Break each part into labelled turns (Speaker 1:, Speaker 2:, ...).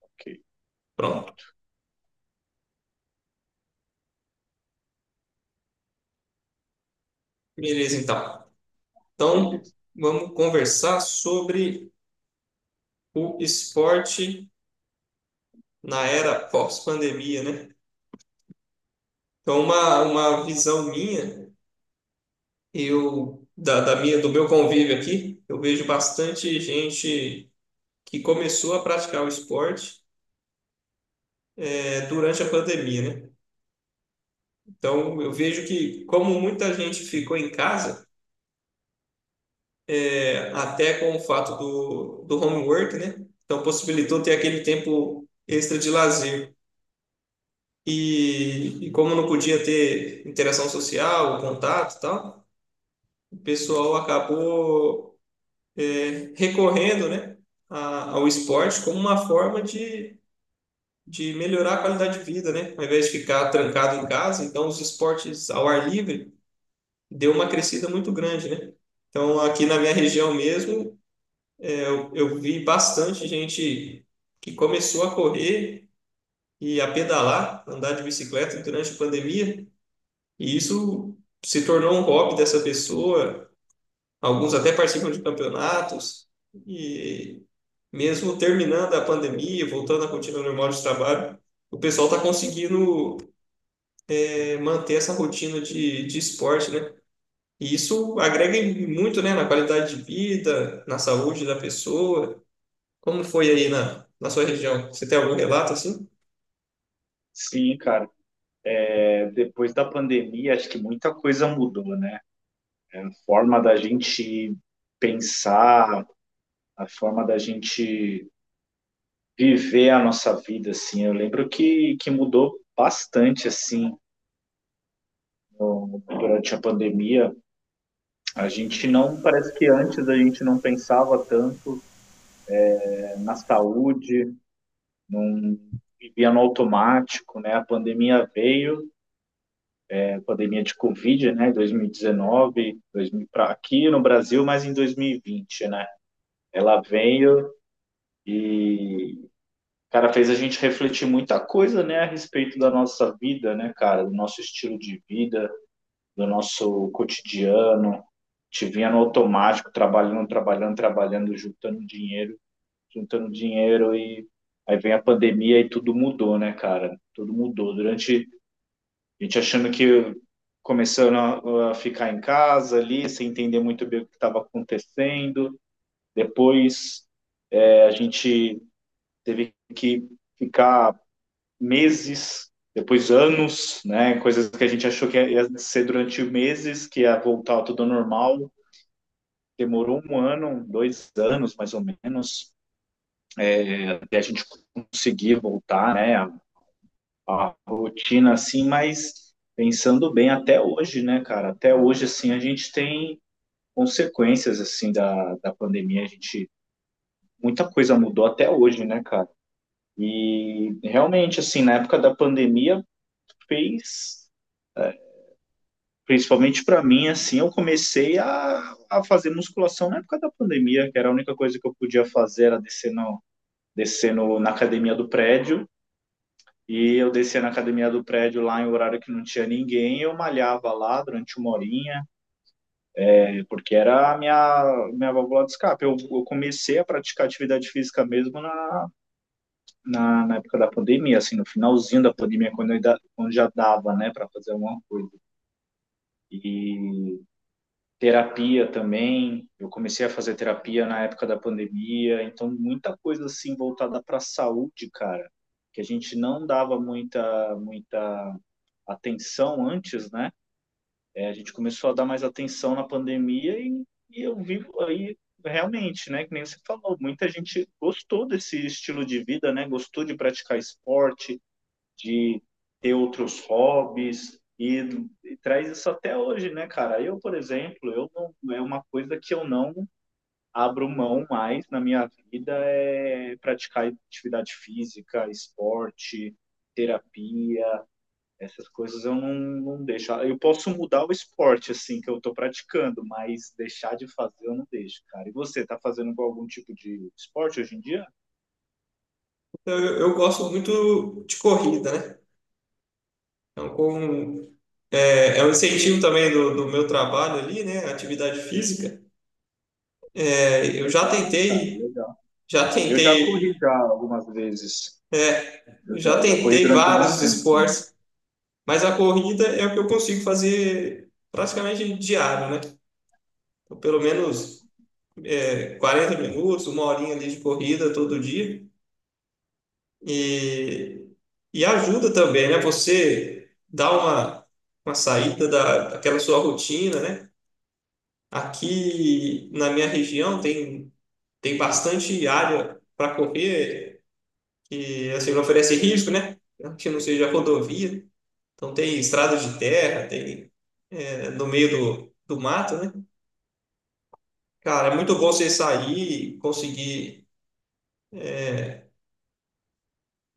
Speaker 1: Ok, bom,
Speaker 2: Pronto. Beleza, então. Então,
Speaker 1: beleza.
Speaker 2: vamos conversar sobre o esporte na era pós-pandemia, né? Então, uma visão minha, eu da minha do meu convívio aqui, eu vejo bastante gente que começou a praticar o esporte durante a pandemia, né? Então, eu vejo que, como muita gente ficou em casa, até com o fato do homework, né? Então, possibilitou ter aquele tempo extra de lazer. E como não podia ter interação social, contato e tal, o pessoal acabou recorrendo, né, ao esporte como uma forma de melhorar a qualidade de vida, né? Ao invés de ficar trancado em casa, então os esportes ao ar livre deu uma crescida muito grande, né? Então aqui na minha região mesmo, eu vi bastante gente que começou a correr e a pedalar, andar de bicicleta durante a pandemia. E isso se tornou um hobby dessa pessoa. Alguns até participam de campeonatos. E mesmo terminando a pandemia, voltando à rotina normal de trabalho, o pessoal está conseguindo manter essa rotina de esporte, né? E isso agrega muito, né, na qualidade de vida, na saúde da pessoa. Como foi aí na sua região? Você tem algum relato assim?
Speaker 1: Sim, cara, depois da pandemia, acho que muita coisa mudou, né? A forma da gente pensar, a forma da gente viver a nossa vida, assim. Eu lembro que mudou bastante, assim, durante a pandemia. A gente não, parece que antes a gente não pensava tanto, na saúde, não vivia no automático, né? A pandemia veio, pandemia de Covid, né, 2019, 2000 pra, aqui no Brasil, mas em 2020, né? Ela veio e, cara, fez a gente refletir muita coisa, né, a respeito da nossa vida, né, cara, do nosso estilo de vida, do nosso cotidiano. Te vinha no automático, trabalhando, trabalhando, trabalhando, juntando dinheiro, juntando dinheiro, e aí vem a pandemia e tudo mudou, né, cara? Tudo mudou. Durante A gente achando que, começando a ficar em casa ali, sem entender muito bem o que estava acontecendo. Depois a gente teve que ficar meses, depois anos, né? Coisas que a gente achou que ia ser durante meses, que ia voltar tudo ao normal. Demorou um ano, 2 anos mais ou menos, até a gente conseguir voltar, né? A rotina assim, mas pensando bem, até hoje, né, cara? Até hoje, assim, a gente tem consequências assim da, da pandemia. A gente, muita coisa mudou até hoje, né, cara? E realmente assim, na época da pandemia fez, principalmente para mim assim, eu comecei a fazer musculação na época da pandemia, que era a única coisa que eu podia fazer era descer no, na academia do prédio. E eu descia na academia do prédio lá em horário que não tinha ninguém, eu malhava lá durante uma horinha, porque era a minha válvula de escape. Eu comecei a praticar atividade física mesmo na época da pandemia, assim, no finalzinho da pandemia, quando quando já dava, né, para fazer alguma coisa. E terapia também, eu comecei a fazer terapia na época da pandemia, então muita coisa assim voltada para a saúde, cara, que a gente não dava muita atenção antes, né? É, a gente começou a dar mais atenção na pandemia, e eu vivo aí realmente, né? Que nem você falou, muita gente gostou desse estilo de vida, né? Gostou de praticar esporte, de ter outros hobbies, e traz isso até hoje, né, cara? Eu, por exemplo, eu não, é uma coisa que eu não abro mão mais na minha vida é praticar atividade física, esporte, terapia, essas coisas eu não, não deixo. Ah, eu posso mudar o esporte, assim, que eu estou praticando, mas deixar de fazer eu não deixo, cara. E você, tá fazendo algum tipo de esporte hoje em dia?
Speaker 2: Eu gosto muito de corrida, né? Então, com É um incentivo também do meu trabalho ali, né? Atividade física. Eu já
Speaker 1: Legal, cara,
Speaker 2: tentei,
Speaker 1: legal.
Speaker 2: já
Speaker 1: Eu já corri
Speaker 2: tentei,
Speaker 1: já algumas vezes. Eu
Speaker 2: já
Speaker 1: já, já corri
Speaker 2: tentei
Speaker 1: durante um bom
Speaker 2: vários
Speaker 1: tempo também.
Speaker 2: esportes, mas a corrida é o que eu consigo fazer praticamente diário, né? Então, pelo menos 40 minutos, uma horinha ali de corrida todo dia. E, e ajuda também, né? Você dá uma saída daquela sua rotina, né? Aqui na minha região tem bastante área para correr que assim não oferece risco, né? Que não seja rodovia. Então tem estrada de terra, tem no meio do mato, né? Cara, é muito bom você sair e conseguir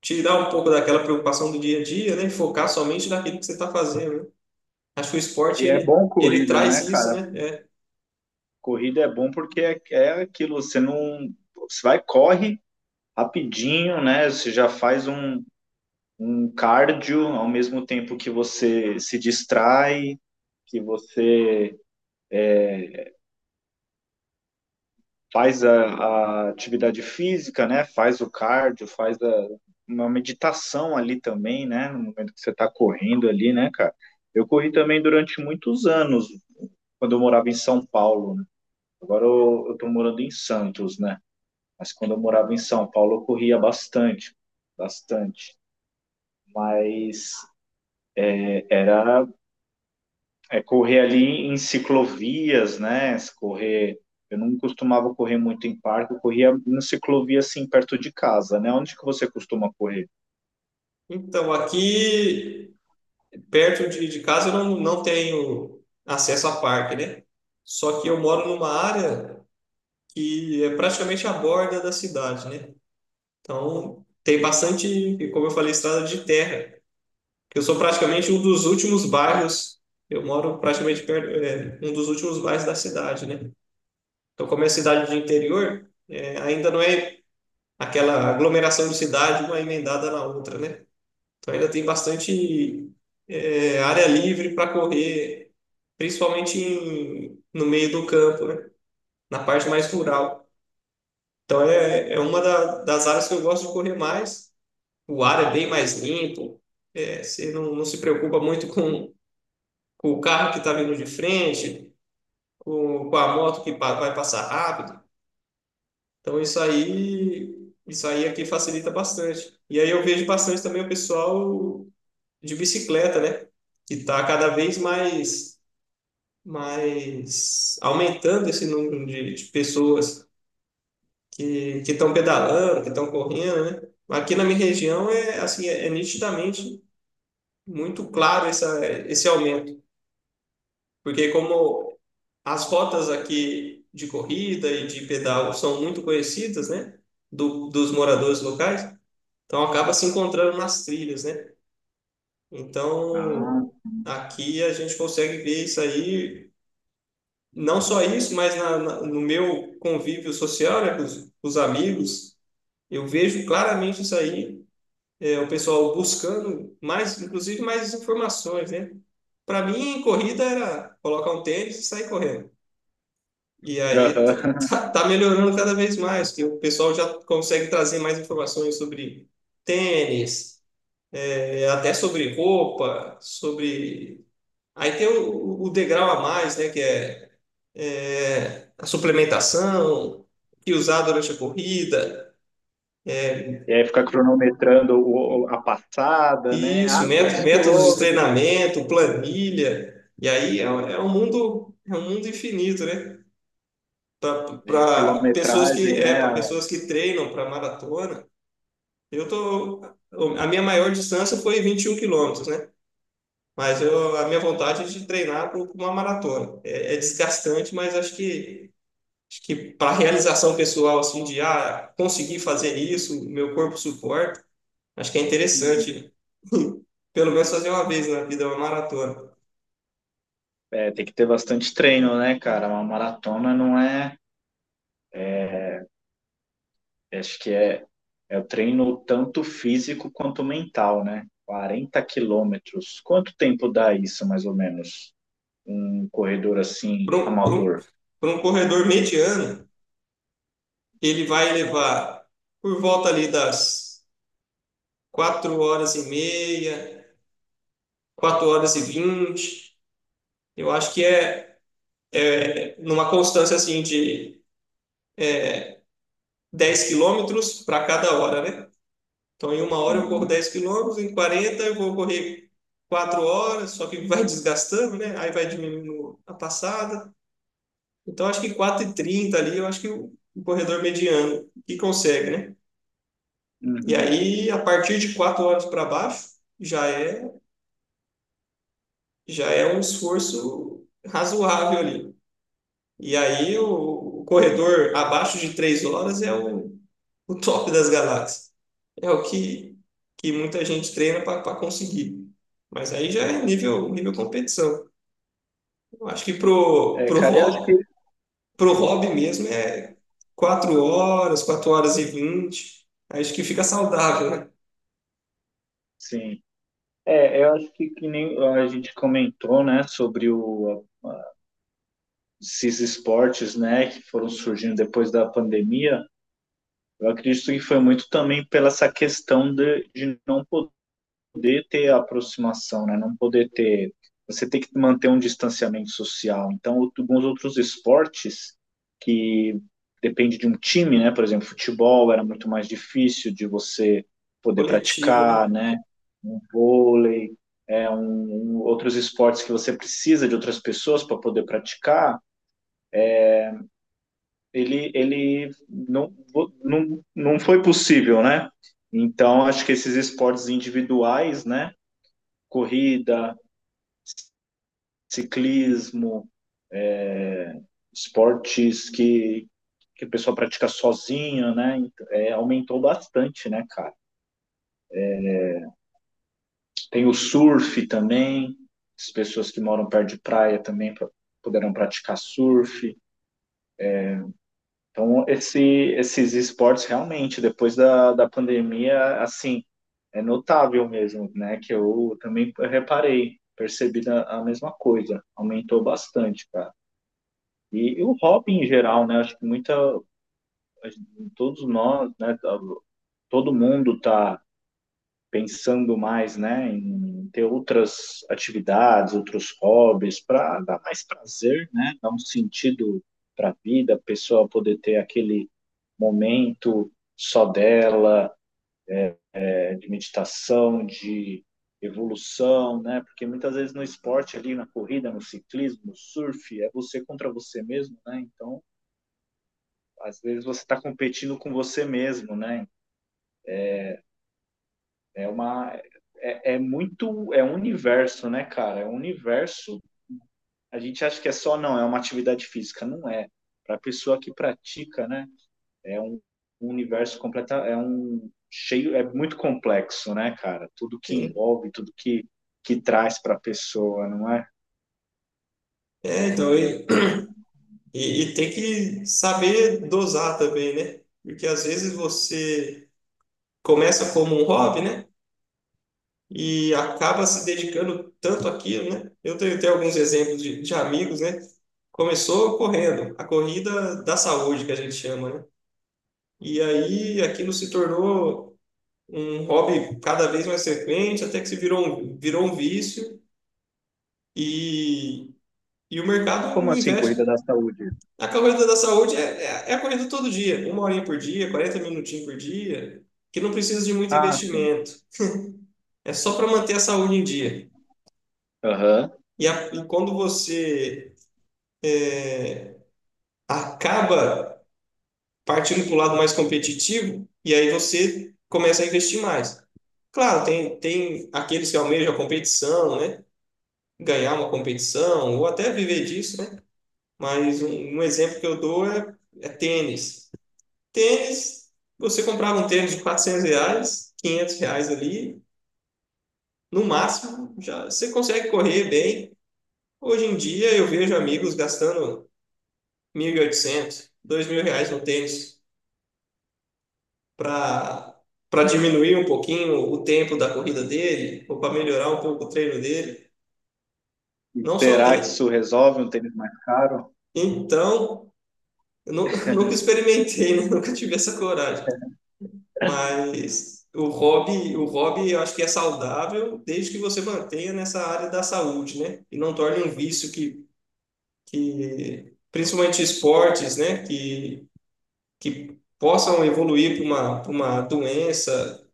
Speaker 2: tirar um pouco daquela preocupação do dia a dia, né? E focar somente naquilo que você está fazendo, né? Acho que o esporte
Speaker 1: E é
Speaker 2: ele,
Speaker 1: bom
Speaker 2: ele
Speaker 1: corrida,
Speaker 2: traz
Speaker 1: né,
Speaker 2: isso,
Speaker 1: cara?
Speaker 2: né? É.
Speaker 1: Corrida é bom porque é aquilo, você não. Você vai, corre rapidinho, né? Você já faz um cardio ao mesmo tempo que você se distrai, que você faz a atividade física, né? Faz o cardio, uma meditação ali também, né? No momento que você está correndo ali, né, cara? Eu corri também durante muitos anos, quando eu morava em São Paulo, né? Agora eu tô morando em Santos, né? Mas quando eu morava em São Paulo, eu corria bastante, bastante. Mas era é correr ali em ciclovias, né? Correr. Eu não costumava correr muito em parque, eu corria em ciclovia assim perto de casa, né? Onde que você costuma correr?
Speaker 2: Então aqui perto de casa eu não, não tenho acesso a parque, né? Só que eu moro numa área que é praticamente a borda da cidade, né? Então, tem bastante, como eu falei, estrada de terra. Eu sou praticamente um dos últimos bairros, eu moro praticamente perto, um dos últimos bairros da cidade, né? Então, como é cidade de interior, é, ainda não é aquela aglomeração de cidade, uma emendada na outra, né? Então, ainda tem bastante área livre para correr, principalmente no meio do campo, né? Na parte mais rural. Então é uma das áreas que eu gosto de correr mais. O ar é bem mais limpo, você não, não se preocupa muito com o carro que está vindo de frente, com a moto que vai passar rápido. Então isso aí aqui facilita bastante. E aí eu vejo bastante também o pessoal de bicicleta, né? Que está cada vez mais aumentando esse número de pessoas que estão pedalando, que estão correndo, né? Aqui na minha região é assim, é nitidamente muito claro esse aumento, porque como as rotas aqui de corrida e de pedal são muito conhecidas, né, dos moradores locais, então acaba se encontrando nas trilhas, né?
Speaker 1: Ah,
Speaker 2: Então aqui a gente consegue ver isso aí, não só isso, mas no meu convívio social, né, com os amigos, eu vejo claramente isso aí. O pessoal buscando mais, inclusive mais informações, né? Para mim, corrida era colocar um tênis e sair correndo. E aí
Speaker 1: aham.
Speaker 2: tá, tá melhorando cada vez mais, que o pessoal já consegue trazer mais informações sobre tênis, é, até sobre roupa, sobre. Aí tem o degrau a mais, né? É a suplementação, que usar durante a corrida.
Speaker 1: E aí ficar cronometrando a passada, né?
Speaker 2: Isso,
Speaker 1: Ah, quantos
Speaker 2: métodos de
Speaker 1: quilômetros?
Speaker 2: treinamento, planilha. E aí é um mundo infinito, né?
Speaker 1: É, quilometragem, né?
Speaker 2: Para pessoas que treinam para maratona. Eu tô A minha maior distância foi 21 quilômetros, né? Mas eu, a minha vontade é de treinar para uma maratona. É, é desgastante, mas acho que para realização pessoal assim de ah, conseguir fazer isso, meu corpo suporta. Acho que é
Speaker 1: Uhum.
Speaker 2: interessante. Pelo menos fazer uma vez na vida uma maratona.
Speaker 1: É, tem que ter bastante treino, né, cara? Uma maratona não é. Acho que é, é o treino tanto físico quanto mental, né? 40 quilômetros. Quanto tempo dá isso, mais ou menos? Um corredor assim,
Speaker 2: Para um, pra um,
Speaker 1: amador?
Speaker 2: pra um corredor mediano, ele vai levar por volta ali das 4 horas e meia, 4 horas e vinte. Eu acho que é numa constância assim de 10 quilômetros para cada hora, né? Então, em uma hora eu corro
Speaker 1: Uhum,
Speaker 2: 10 quilômetros, em 40 eu vou correr 4 horas, só que vai desgastando, né? Aí vai diminuindo a passada. Então, acho que quatro e trinta ali, eu acho que o corredor mediano que consegue, né? E
Speaker 1: uhum.
Speaker 2: aí, a partir de quatro horas para baixo, já é, já é um esforço razoável ali. E aí, o corredor abaixo de três horas é o top das galáxias. É que muita gente treina para conseguir. Mas aí já é nível, nível competição. Eu acho que
Speaker 1: É, cara, eu acho que
Speaker 2: pro hobby mesmo é quatro horas e vinte. Acho que fica saudável, né?
Speaker 1: sim. É, eu acho que nem a gente comentou, né, sobre esses esportes, né, que foram surgindo depois da pandemia. Eu acredito que foi muito também pela essa questão de não poder ter aproximação, né? Não poder ter. Você tem que manter um distanciamento social. Então, alguns outros esportes que depende de um time, né? Por exemplo, futebol era muito mais difícil de você poder
Speaker 2: Coletivo,
Speaker 1: praticar,
Speaker 2: né?
Speaker 1: né? Um vôlei, um, outros esportes que você precisa de outras pessoas para poder praticar, ele não, não, não foi possível, né? Então, acho que esses esportes individuais, né? Corrida, ciclismo, é, esportes que a pessoa pratica sozinha, né? Então, é, aumentou bastante, né, cara? Tem o surf também, as pessoas que moram perto de praia também pra, puderam praticar surf. Então, esses esportes realmente, depois da, da pandemia, assim, é notável mesmo, né? Que eu também reparei, percebi a mesma coisa, aumentou bastante, cara. E o hobby em geral, né? Acho que muita, todos nós, né, tá, todo mundo está pensando mais, né, em ter outras atividades, outros hobbies para dar mais prazer, né, dar um sentido para a vida, a pessoa poder ter aquele momento só dela, é, de meditação, de evolução, né? Porque muitas vezes no esporte ali, na corrida, no ciclismo, no surf, é você contra você mesmo, né? Então, às vezes você está competindo com você mesmo, né? É uma é, é muito é um universo, né, cara? É um universo. A gente acha que é só não, é uma atividade física, não é. Para a pessoa que pratica, né, é um universo completo, é um cheio, é muito complexo, né, cara? Tudo que
Speaker 2: Sim.
Speaker 1: envolve, tudo que traz para a pessoa, não é?
Speaker 2: É, então, eu, e tem que saber dosar também, né? Porque às vezes você começa como um hobby, né? E acaba se dedicando tanto àquilo, né? Eu tenho, tenho alguns exemplos de amigos, né? Começou correndo, a corrida da saúde, que a gente chama, né? E aí aquilo se tornou um hobby cada vez mais frequente, até que se virou virou um vício e, e o mercado
Speaker 1: Como assim,
Speaker 2: investe.
Speaker 1: corrida da saúde?
Speaker 2: A corrida da saúde é a corrida todo dia, uma horinha por dia, 40 minutinhos por dia, que não precisa de muito
Speaker 1: Ah, sim.
Speaker 2: investimento. É só para manter a saúde em dia.
Speaker 1: Aham.
Speaker 2: E quando você é, acaba partindo para o lado mais competitivo, e aí você começa a investir mais. Claro, tem, tem aqueles que almejam a competição, né? Ganhar uma competição, ou até viver disso, né? Mas um exemplo que eu dou é tênis. Tênis, você comprava um tênis de 400 reais, 500 reais ali, no máximo, já você consegue correr bem. Hoje em dia eu vejo amigos gastando mil e oitocentos, dois mil reais no tênis para para diminuir um pouquinho o tempo da corrida dele, ou para melhorar um pouco o treino dele.
Speaker 1: E
Speaker 2: Não só
Speaker 1: será que
Speaker 2: tênis.
Speaker 1: isso resolve, um tênis mais caro?
Speaker 2: Então, nunca experimentei, né? Nunca tive essa coragem. Mas o hobby eu acho que é saudável desde que você mantenha nessa área da saúde, né? E não torne um vício que principalmente esportes, né? Que possam evoluir para para uma doença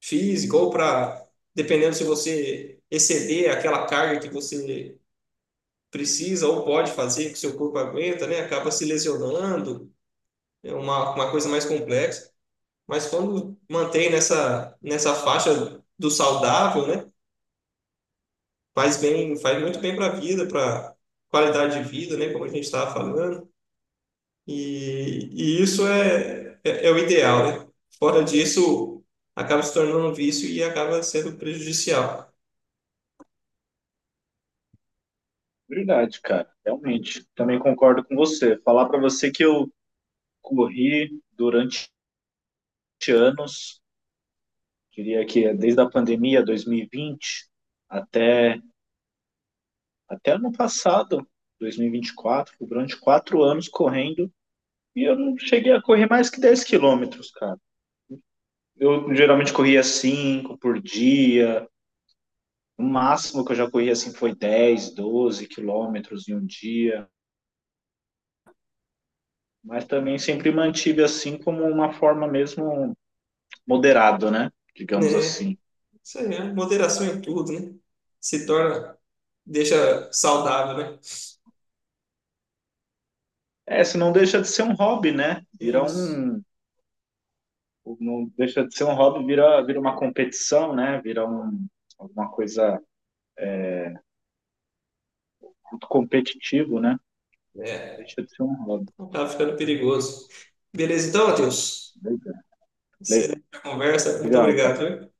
Speaker 2: física ou para, dependendo se você exceder aquela carga que você precisa ou pode fazer, que o seu corpo aguenta, né? Acaba se lesionando, é uma coisa mais complexa. Mas quando mantém nessa faixa do saudável, né? Faz bem, faz muito bem para a vida, para qualidade de vida, né? Como a gente estava falando. É o ideal, né? Fora disso, acaba se tornando um vício e acaba sendo prejudicial,
Speaker 1: Verdade, cara. Realmente. Também concordo com você. Falar para você que eu corri durante anos, diria que é desde a pandemia 2020 até, até ano passado, 2024, durante 4 anos correndo, e eu não cheguei a correr mais que 10 quilômetros, cara. Eu geralmente corria 5 por dia, o máximo que eu já corri assim foi dez, 12 quilômetros em um dia, mas também sempre mantive assim como uma forma mesmo moderada, né? Digamos
Speaker 2: né?
Speaker 1: assim.
Speaker 2: Isso aí, é moderação em tudo, né? Se torna, deixa saudável, né?
Speaker 1: É, se não, deixa de ser um hobby, né? Vira
Speaker 2: Isso.
Speaker 1: um. Não deixa de ser um hobby, vira uma competição, né? Vira um, alguma coisa muito competitivo, né?
Speaker 2: É,
Speaker 1: Deixa de ser um hobby.
Speaker 2: acaba ficando perigoso. Beleza, então, Matheus?
Speaker 1: Legal,
Speaker 2: Excelente a conversa. Muito
Speaker 1: legal
Speaker 2: obrigado,
Speaker 1: cara.
Speaker 2: viu?